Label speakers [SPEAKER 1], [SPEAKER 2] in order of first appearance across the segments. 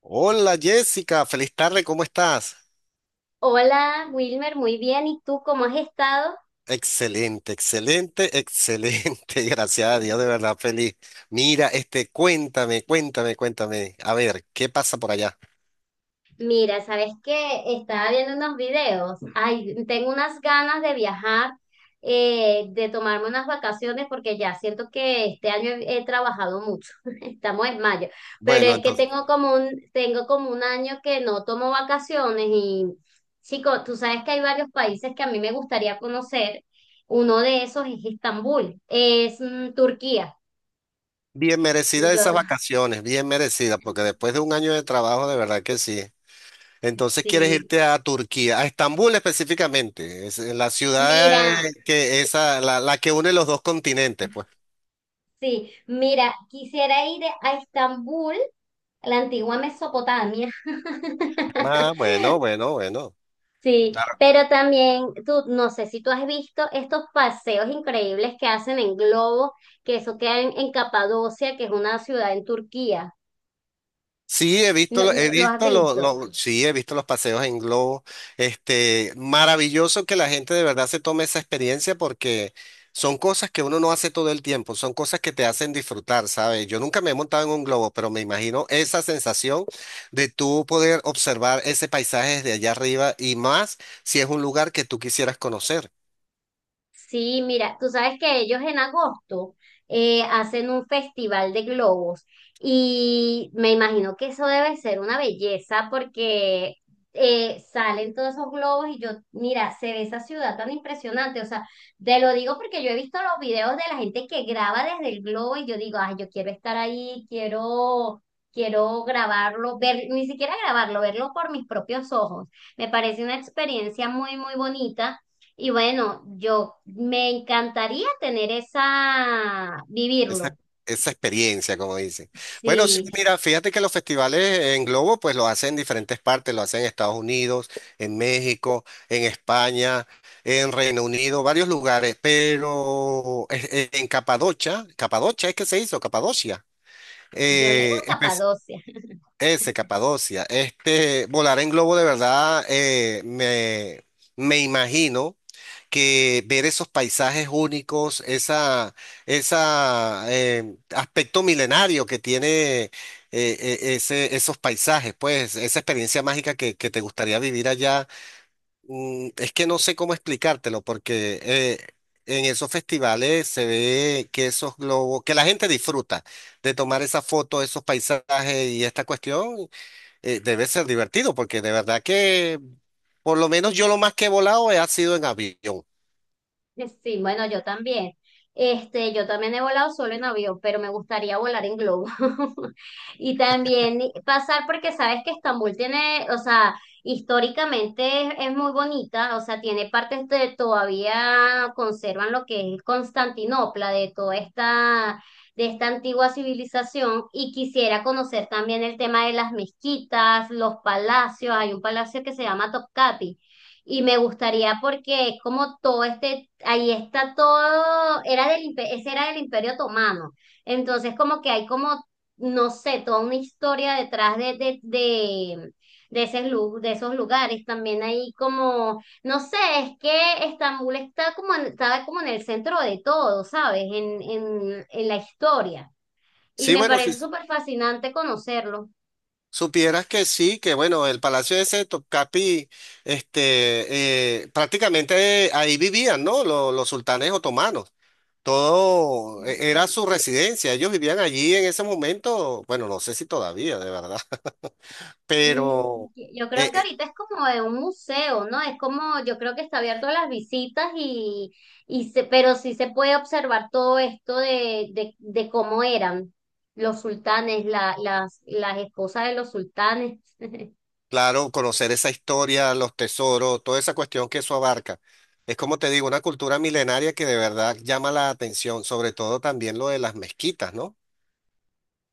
[SPEAKER 1] Hola Jessica, feliz tarde, ¿cómo estás?
[SPEAKER 2] Hola Wilmer, muy bien. ¿Y tú cómo has estado?
[SPEAKER 1] Excelente, excelente, excelente, gracias a Dios, de verdad feliz. Mira, este, cuéntame, a ver, ¿qué pasa por allá?
[SPEAKER 2] Mira, ¿sabes qué? Estaba viendo unos videos. Ay, tengo unas ganas de viajar, de tomarme unas vacaciones porque ya siento que este año he trabajado mucho. Estamos en mayo, pero
[SPEAKER 1] Bueno,
[SPEAKER 2] es que
[SPEAKER 1] entonces,
[SPEAKER 2] tengo como tengo como un año que no tomo vacaciones y chico, tú sabes que hay varios países que a mí me gustaría conocer. Uno de esos es Estambul, es Turquía.
[SPEAKER 1] bien merecida
[SPEAKER 2] Yo,
[SPEAKER 1] esas vacaciones, bien merecida porque después de un año de trabajo, de verdad que sí. Entonces, ¿quieres
[SPEAKER 2] sí.
[SPEAKER 1] irte a Turquía, a Estambul específicamente? Es la ciudad
[SPEAKER 2] Mira,
[SPEAKER 1] que esa, la que une los dos continentes, pues.
[SPEAKER 2] sí, mira, quisiera ir a Estambul, la antigua Mesopotamia.
[SPEAKER 1] Ah, bueno, bueno, bueno.
[SPEAKER 2] Sí, pero también tú, no sé si tú has visto estos paseos increíbles que hacen en globo, que eso queda en Capadocia, que es una ciudad en Turquía.
[SPEAKER 1] Sí, he visto,
[SPEAKER 2] ¿Lo,
[SPEAKER 1] he
[SPEAKER 2] lo- Lo has
[SPEAKER 1] visto
[SPEAKER 2] visto?
[SPEAKER 1] sí, he visto los paseos en globo. Este, maravilloso que la gente de verdad se tome esa experiencia porque son cosas que uno no hace todo el tiempo, son cosas que te hacen disfrutar, ¿sabes? Yo nunca me he montado en un globo, pero me imagino esa sensación de tú poder observar ese paisaje desde allá arriba y más si es un lugar que tú quisieras conocer.
[SPEAKER 2] Sí, mira, tú sabes que ellos en agosto hacen un festival de globos y me imagino que eso debe ser una belleza porque salen todos esos globos y yo, mira, se ve esa ciudad tan impresionante, o sea, te lo digo porque yo he visto los videos de la gente que graba desde el globo y yo digo, ay, yo quiero estar ahí, quiero, quiero grabarlo, ver, ni siquiera grabarlo, verlo por mis propios ojos. Me parece una experiencia muy, muy bonita. Y bueno, yo me encantaría tener esa,
[SPEAKER 1] Esa,
[SPEAKER 2] vivirlo.
[SPEAKER 1] esa experiencia, como dicen. Bueno, sí,
[SPEAKER 2] Sí,
[SPEAKER 1] mira, fíjate que los festivales en globo, pues los hacen en diferentes partes, lo hacen en Estados Unidos, en México, en España, en Reino Unido, varios lugares, pero en Capadocia, Capadocia es que se hizo, Capadocia.
[SPEAKER 2] yo le digo
[SPEAKER 1] eh,
[SPEAKER 2] escapadocia.
[SPEAKER 1] Ese, Capadocia. Este, volar en globo de verdad, me imagino que ver esos paisajes únicos, esa aspecto milenario que tiene ese, esos paisajes, pues esa experiencia mágica que te gustaría vivir allá, es que no sé cómo explicártelo, porque en esos festivales se ve que esos globos, que la gente disfruta de tomar esa foto, esos paisajes y esta cuestión debe ser divertido porque de verdad que por lo menos yo lo más que he volado ha sido en avión.
[SPEAKER 2] Sí, bueno, yo también. Este, yo también he volado solo en avión, pero me gustaría volar en globo. Y también pasar porque sabes que Estambul tiene, o sea, históricamente es muy bonita, o sea, tiene partes de todavía conservan lo que es Constantinopla, de toda esta, de esta antigua civilización. Y quisiera conocer también el tema de las mezquitas, los palacios. Hay un palacio que se llama Topkapi y me gustaría porque es como todo este, ahí está todo, era del, ese era del Imperio Otomano. Entonces como que hay como, no sé, toda una historia detrás de ese de esos lugares. También hay como, no sé, es que Estambul está como, está como en el centro de todo, ¿sabes? En la historia. Y
[SPEAKER 1] Sí,
[SPEAKER 2] me
[SPEAKER 1] bueno, si
[SPEAKER 2] parece súper fascinante conocerlo.
[SPEAKER 1] supieras que sí, que bueno, el Palacio ese de Topkapi, este, prácticamente ahí vivían, ¿no? Los sultanes otomanos. Todo era
[SPEAKER 2] Y
[SPEAKER 1] su residencia. Ellos vivían allí en ese momento. Bueno, no sé si todavía, de verdad.
[SPEAKER 2] mm,
[SPEAKER 1] Pero
[SPEAKER 2] yo creo
[SPEAKER 1] eh,
[SPEAKER 2] que
[SPEAKER 1] eh,
[SPEAKER 2] ahorita es como de un museo, ¿no? Es como, yo creo que está abierto a las visitas y se, pero sí se puede observar todo esto de cómo eran los sultanes, la, las esposas de los sultanes.
[SPEAKER 1] claro, conocer esa historia, los tesoros, toda esa cuestión que eso abarca. Es como te digo, una cultura milenaria que de verdad llama la atención, sobre todo también lo de las mezquitas, ¿no?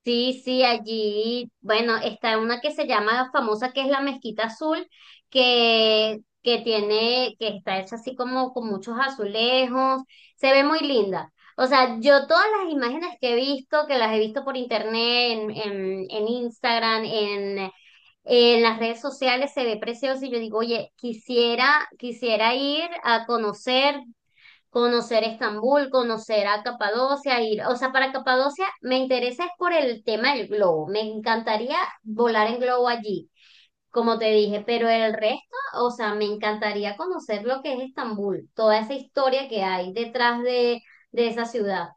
[SPEAKER 2] Sí, sí, allí, bueno, está una que se llama famosa, que es la Mezquita Azul, que tiene, que está hecha así como con muchos azulejos, se ve muy linda. O sea, yo todas las imágenes que he visto, que las he visto por internet, en Instagram, en las redes sociales, se ve precioso y yo digo, oye, quisiera, quisiera ir a conocer, conocer Estambul, conocer a Capadocia, ir, o sea, para Capadocia me interesa es por el tema del globo, me encantaría volar en globo allí, como te dije, pero el resto, o sea, me encantaría conocer lo que es Estambul, toda esa historia que hay detrás de esa ciudad,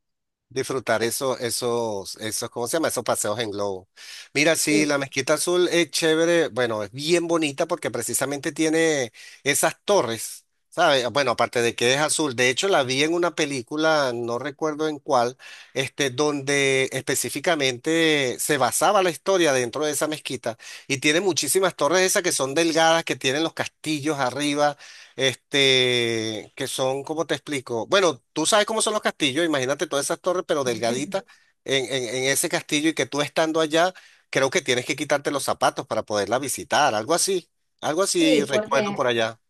[SPEAKER 1] Disfrutar eso, esos, esos, ¿cómo se llama? Esos paseos en globo. Mira, sí,
[SPEAKER 2] sí,
[SPEAKER 1] la Mezquita Azul es chévere, bueno, es bien bonita porque precisamente tiene esas torres, ¿sabes? Bueno, aparte de que es azul, de hecho la vi en una película, no recuerdo en cuál, este, donde específicamente se basaba la historia dentro de esa mezquita y tiene muchísimas torres esas que son delgadas, que tienen los castillos arriba, este, que son, ¿cómo te explico? Bueno, tú sabes cómo son los castillos, imagínate todas esas torres, pero delgaditas en, en ese castillo y que tú estando allá, creo que tienes que quitarte los zapatos para poderla visitar, algo así
[SPEAKER 2] sí, por,
[SPEAKER 1] recuerdo por allá.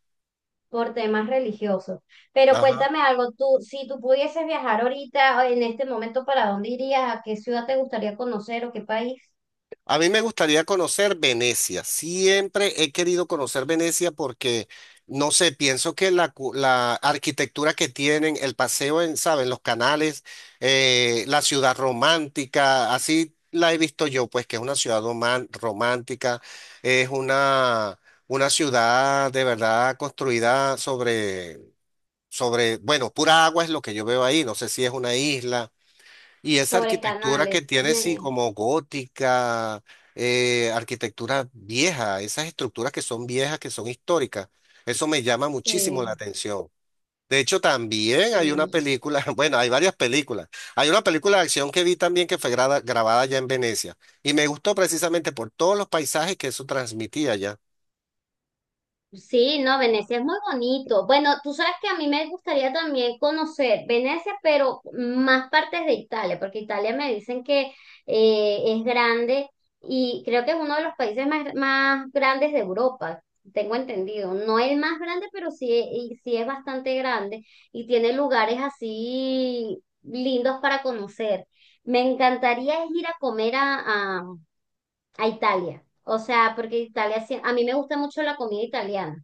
[SPEAKER 2] por temas religiosos. Pero
[SPEAKER 1] Ajá.
[SPEAKER 2] cuéntame algo, tú, si tú pudieses viajar ahorita, en este momento, ¿para dónde irías? ¿A qué ciudad te gustaría conocer o qué país?
[SPEAKER 1] A mí me gustaría conocer Venecia. Siempre he querido conocer Venecia porque, no sé, pienso que la, la arquitectura que tienen, el paseo en, ¿saben? Los canales, la ciudad romántica, así la he visto yo, pues que es una ciudad romántica, es una ciudad de verdad construida sobre, sobre, bueno, pura agua es lo que yo veo ahí. No sé si es una isla. Y esa
[SPEAKER 2] Sobre
[SPEAKER 1] arquitectura
[SPEAKER 2] canales.
[SPEAKER 1] que tiene, sí, como gótica, arquitectura vieja, esas estructuras que son viejas, que son históricas, eso me llama muchísimo la
[SPEAKER 2] Sí,
[SPEAKER 1] atención. De hecho, también hay una
[SPEAKER 2] sí.
[SPEAKER 1] película, bueno, hay varias películas. Hay una película de acción que vi también que fue grabada allá en Venecia y me gustó precisamente por todos los paisajes que eso transmitía allá.
[SPEAKER 2] Sí, no, Venecia es muy bonito. Bueno, tú sabes que a mí me gustaría también conocer Venecia, pero más partes de Italia, porque Italia me dicen que es grande y creo que es uno de los países más, más grandes de Europa, tengo entendido. No es el más grande, pero sí, y sí es bastante grande y tiene lugares así lindos para conocer. Me encantaría es ir a comer a Italia. O sea, porque Italia, a mí me gusta mucho la comida italiana.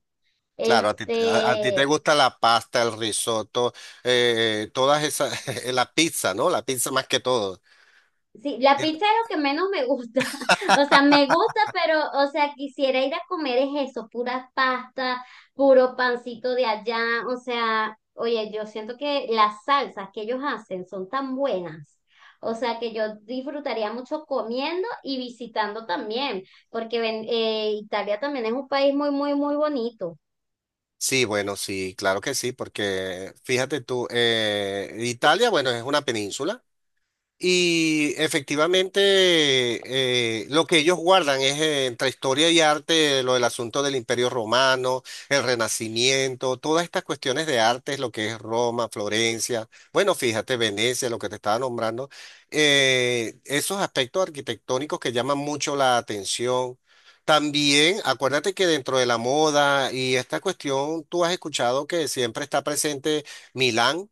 [SPEAKER 1] Claro, a ti, a ti te
[SPEAKER 2] Este,
[SPEAKER 1] gusta la pasta, el risotto, todas esas, la pizza, ¿no? La pizza más que todo.
[SPEAKER 2] sí, la pizza es lo que menos me gusta. O sea, me gusta, pero, o sea, quisiera ir a comer es eso, pura pasta, puro pancito de allá. O sea, oye, yo siento que las salsas que ellos hacen son tan buenas. O sea, que yo disfrutaría mucho comiendo y visitando también, porque Italia también es un país muy, muy, muy bonito.
[SPEAKER 1] Sí, bueno, sí, claro que sí, porque fíjate tú, Italia, bueno, es una península. Y efectivamente, lo que ellos guardan es entre historia y arte lo del asunto del Imperio Romano, el Renacimiento, todas estas cuestiones de arte, lo que es Roma, Florencia, bueno, fíjate, Venecia, lo que te estaba nombrando, esos aspectos arquitectónicos que llaman mucho la atención. También, acuérdate que dentro de la moda y esta cuestión, tú has escuchado que siempre está presente Milán.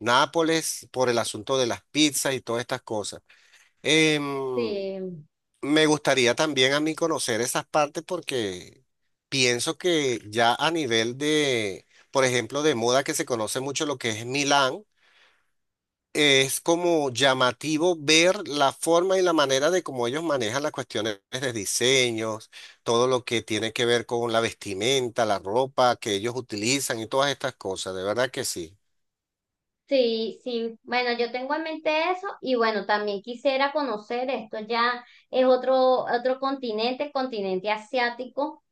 [SPEAKER 1] Nápoles por el asunto de las pizzas y todas estas cosas. Em,
[SPEAKER 2] Sí.
[SPEAKER 1] Me gustaría también a mí conocer esas partes porque pienso que ya a nivel de, por ejemplo, de moda que se conoce mucho lo que es Milán, es como llamativo ver la forma y la manera de cómo ellos manejan las cuestiones de diseños, todo lo que tiene que ver con la vestimenta, la ropa que ellos utilizan y todas estas cosas. De verdad que sí.
[SPEAKER 2] Sí, sí. Bueno, yo tengo en mente eso y bueno, también quisiera conocer esto ya es otro continente, el continente asiático,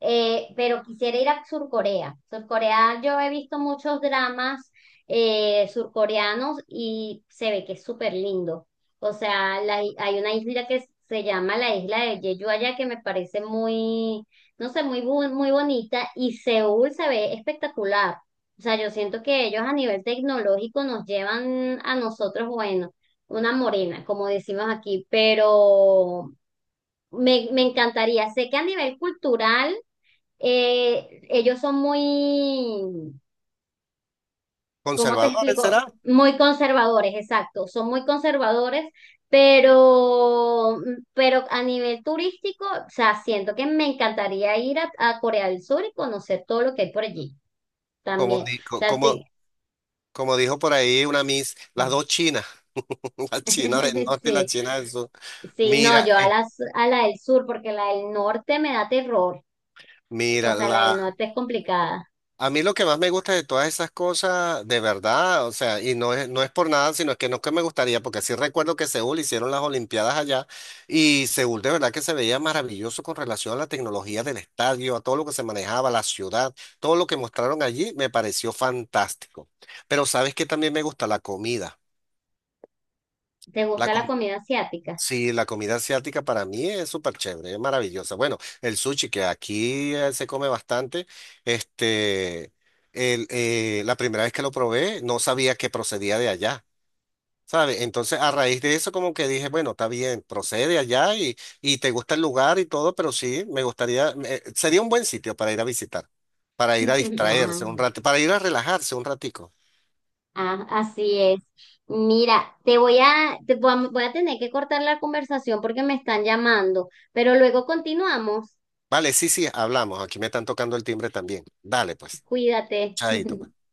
[SPEAKER 2] pero quisiera ir a Sur Corea. Sur Corea, yo he visto muchos dramas surcoreanos y se ve que es súper lindo. O sea, hay una isla que se llama la isla de Jeju allá que me parece muy, no sé, muy bonita y Seúl se ve espectacular. O sea, yo siento que ellos a nivel tecnológico nos llevan a nosotros, bueno, una morena, como decimos aquí, pero me encantaría. Sé que a nivel cultural, ellos son muy, ¿cómo te
[SPEAKER 1] Conservadores
[SPEAKER 2] explico?
[SPEAKER 1] será.
[SPEAKER 2] Muy conservadores, exacto, son muy conservadores, pero, pero a nivel turístico, o sea, siento que me encantaría ir a Corea del Sur y conocer todo lo que hay por allí
[SPEAKER 1] Como,
[SPEAKER 2] también. O sea,
[SPEAKER 1] como,
[SPEAKER 2] te-
[SPEAKER 1] como dijo por ahí una Miss, las dos chinas, la China del norte y la
[SPEAKER 2] Sí,
[SPEAKER 1] China del sur.
[SPEAKER 2] sí, no,
[SPEAKER 1] Mira,
[SPEAKER 2] yo a la, a la del sur, porque la del norte me da terror. O
[SPEAKER 1] mira,
[SPEAKER 2] sea, la del
[SPEAKER 1] la,
[SPEAKER 2] norte es complicada.
[SPEAKER 1] a mí lo que más me gusta de todas esas cosas, de verdad, o sea, y no es, no es por nada, sino es que no es que me gustaría, porque sí recuerdo que Seúl hicieron las Olimpiadas allá y Seúl de verdad que se veía maravilloso con relación a la tecnología del estadio, a todo lo que se manejaba, la ciudad, todo lo que mostraron allí me pareció fantástico. Pero sabes que también me gusta la comida.
[SPEAKER 2] ¿Te gusta la comida asiática?
[SPEAKER 1] Sí, la comida asiática para mí es súper chévere, es maravillosa. Bueno, el sushi que aquí se come bastante, este, la primera vez que lo probé no sabía que procedía de allá, ¿sabes? Entonces a raíz de eso como que dije, bueno, está bien, procede de allá y te gusta el lugar y todo, pero sí, me gustaría, sería un buen sitio para ir a visitar, para ir a
[SPEAKER 2] Ah,
[SPEAKER 1] distraerse un rato, para ir a relajarse un ratico.
[SPEAKER 2] ah, así es. Mira, voy a tener que cortar la conversación porque me están llamando, pero luego continuamos.
[SPEAKER 1] Vale, sí, sí, hablamos, aquí me están tocando el timbre también. Dale, pues,
[SPEAKER 2] Cuídate.
[SPEAKER 1] chaito, pues.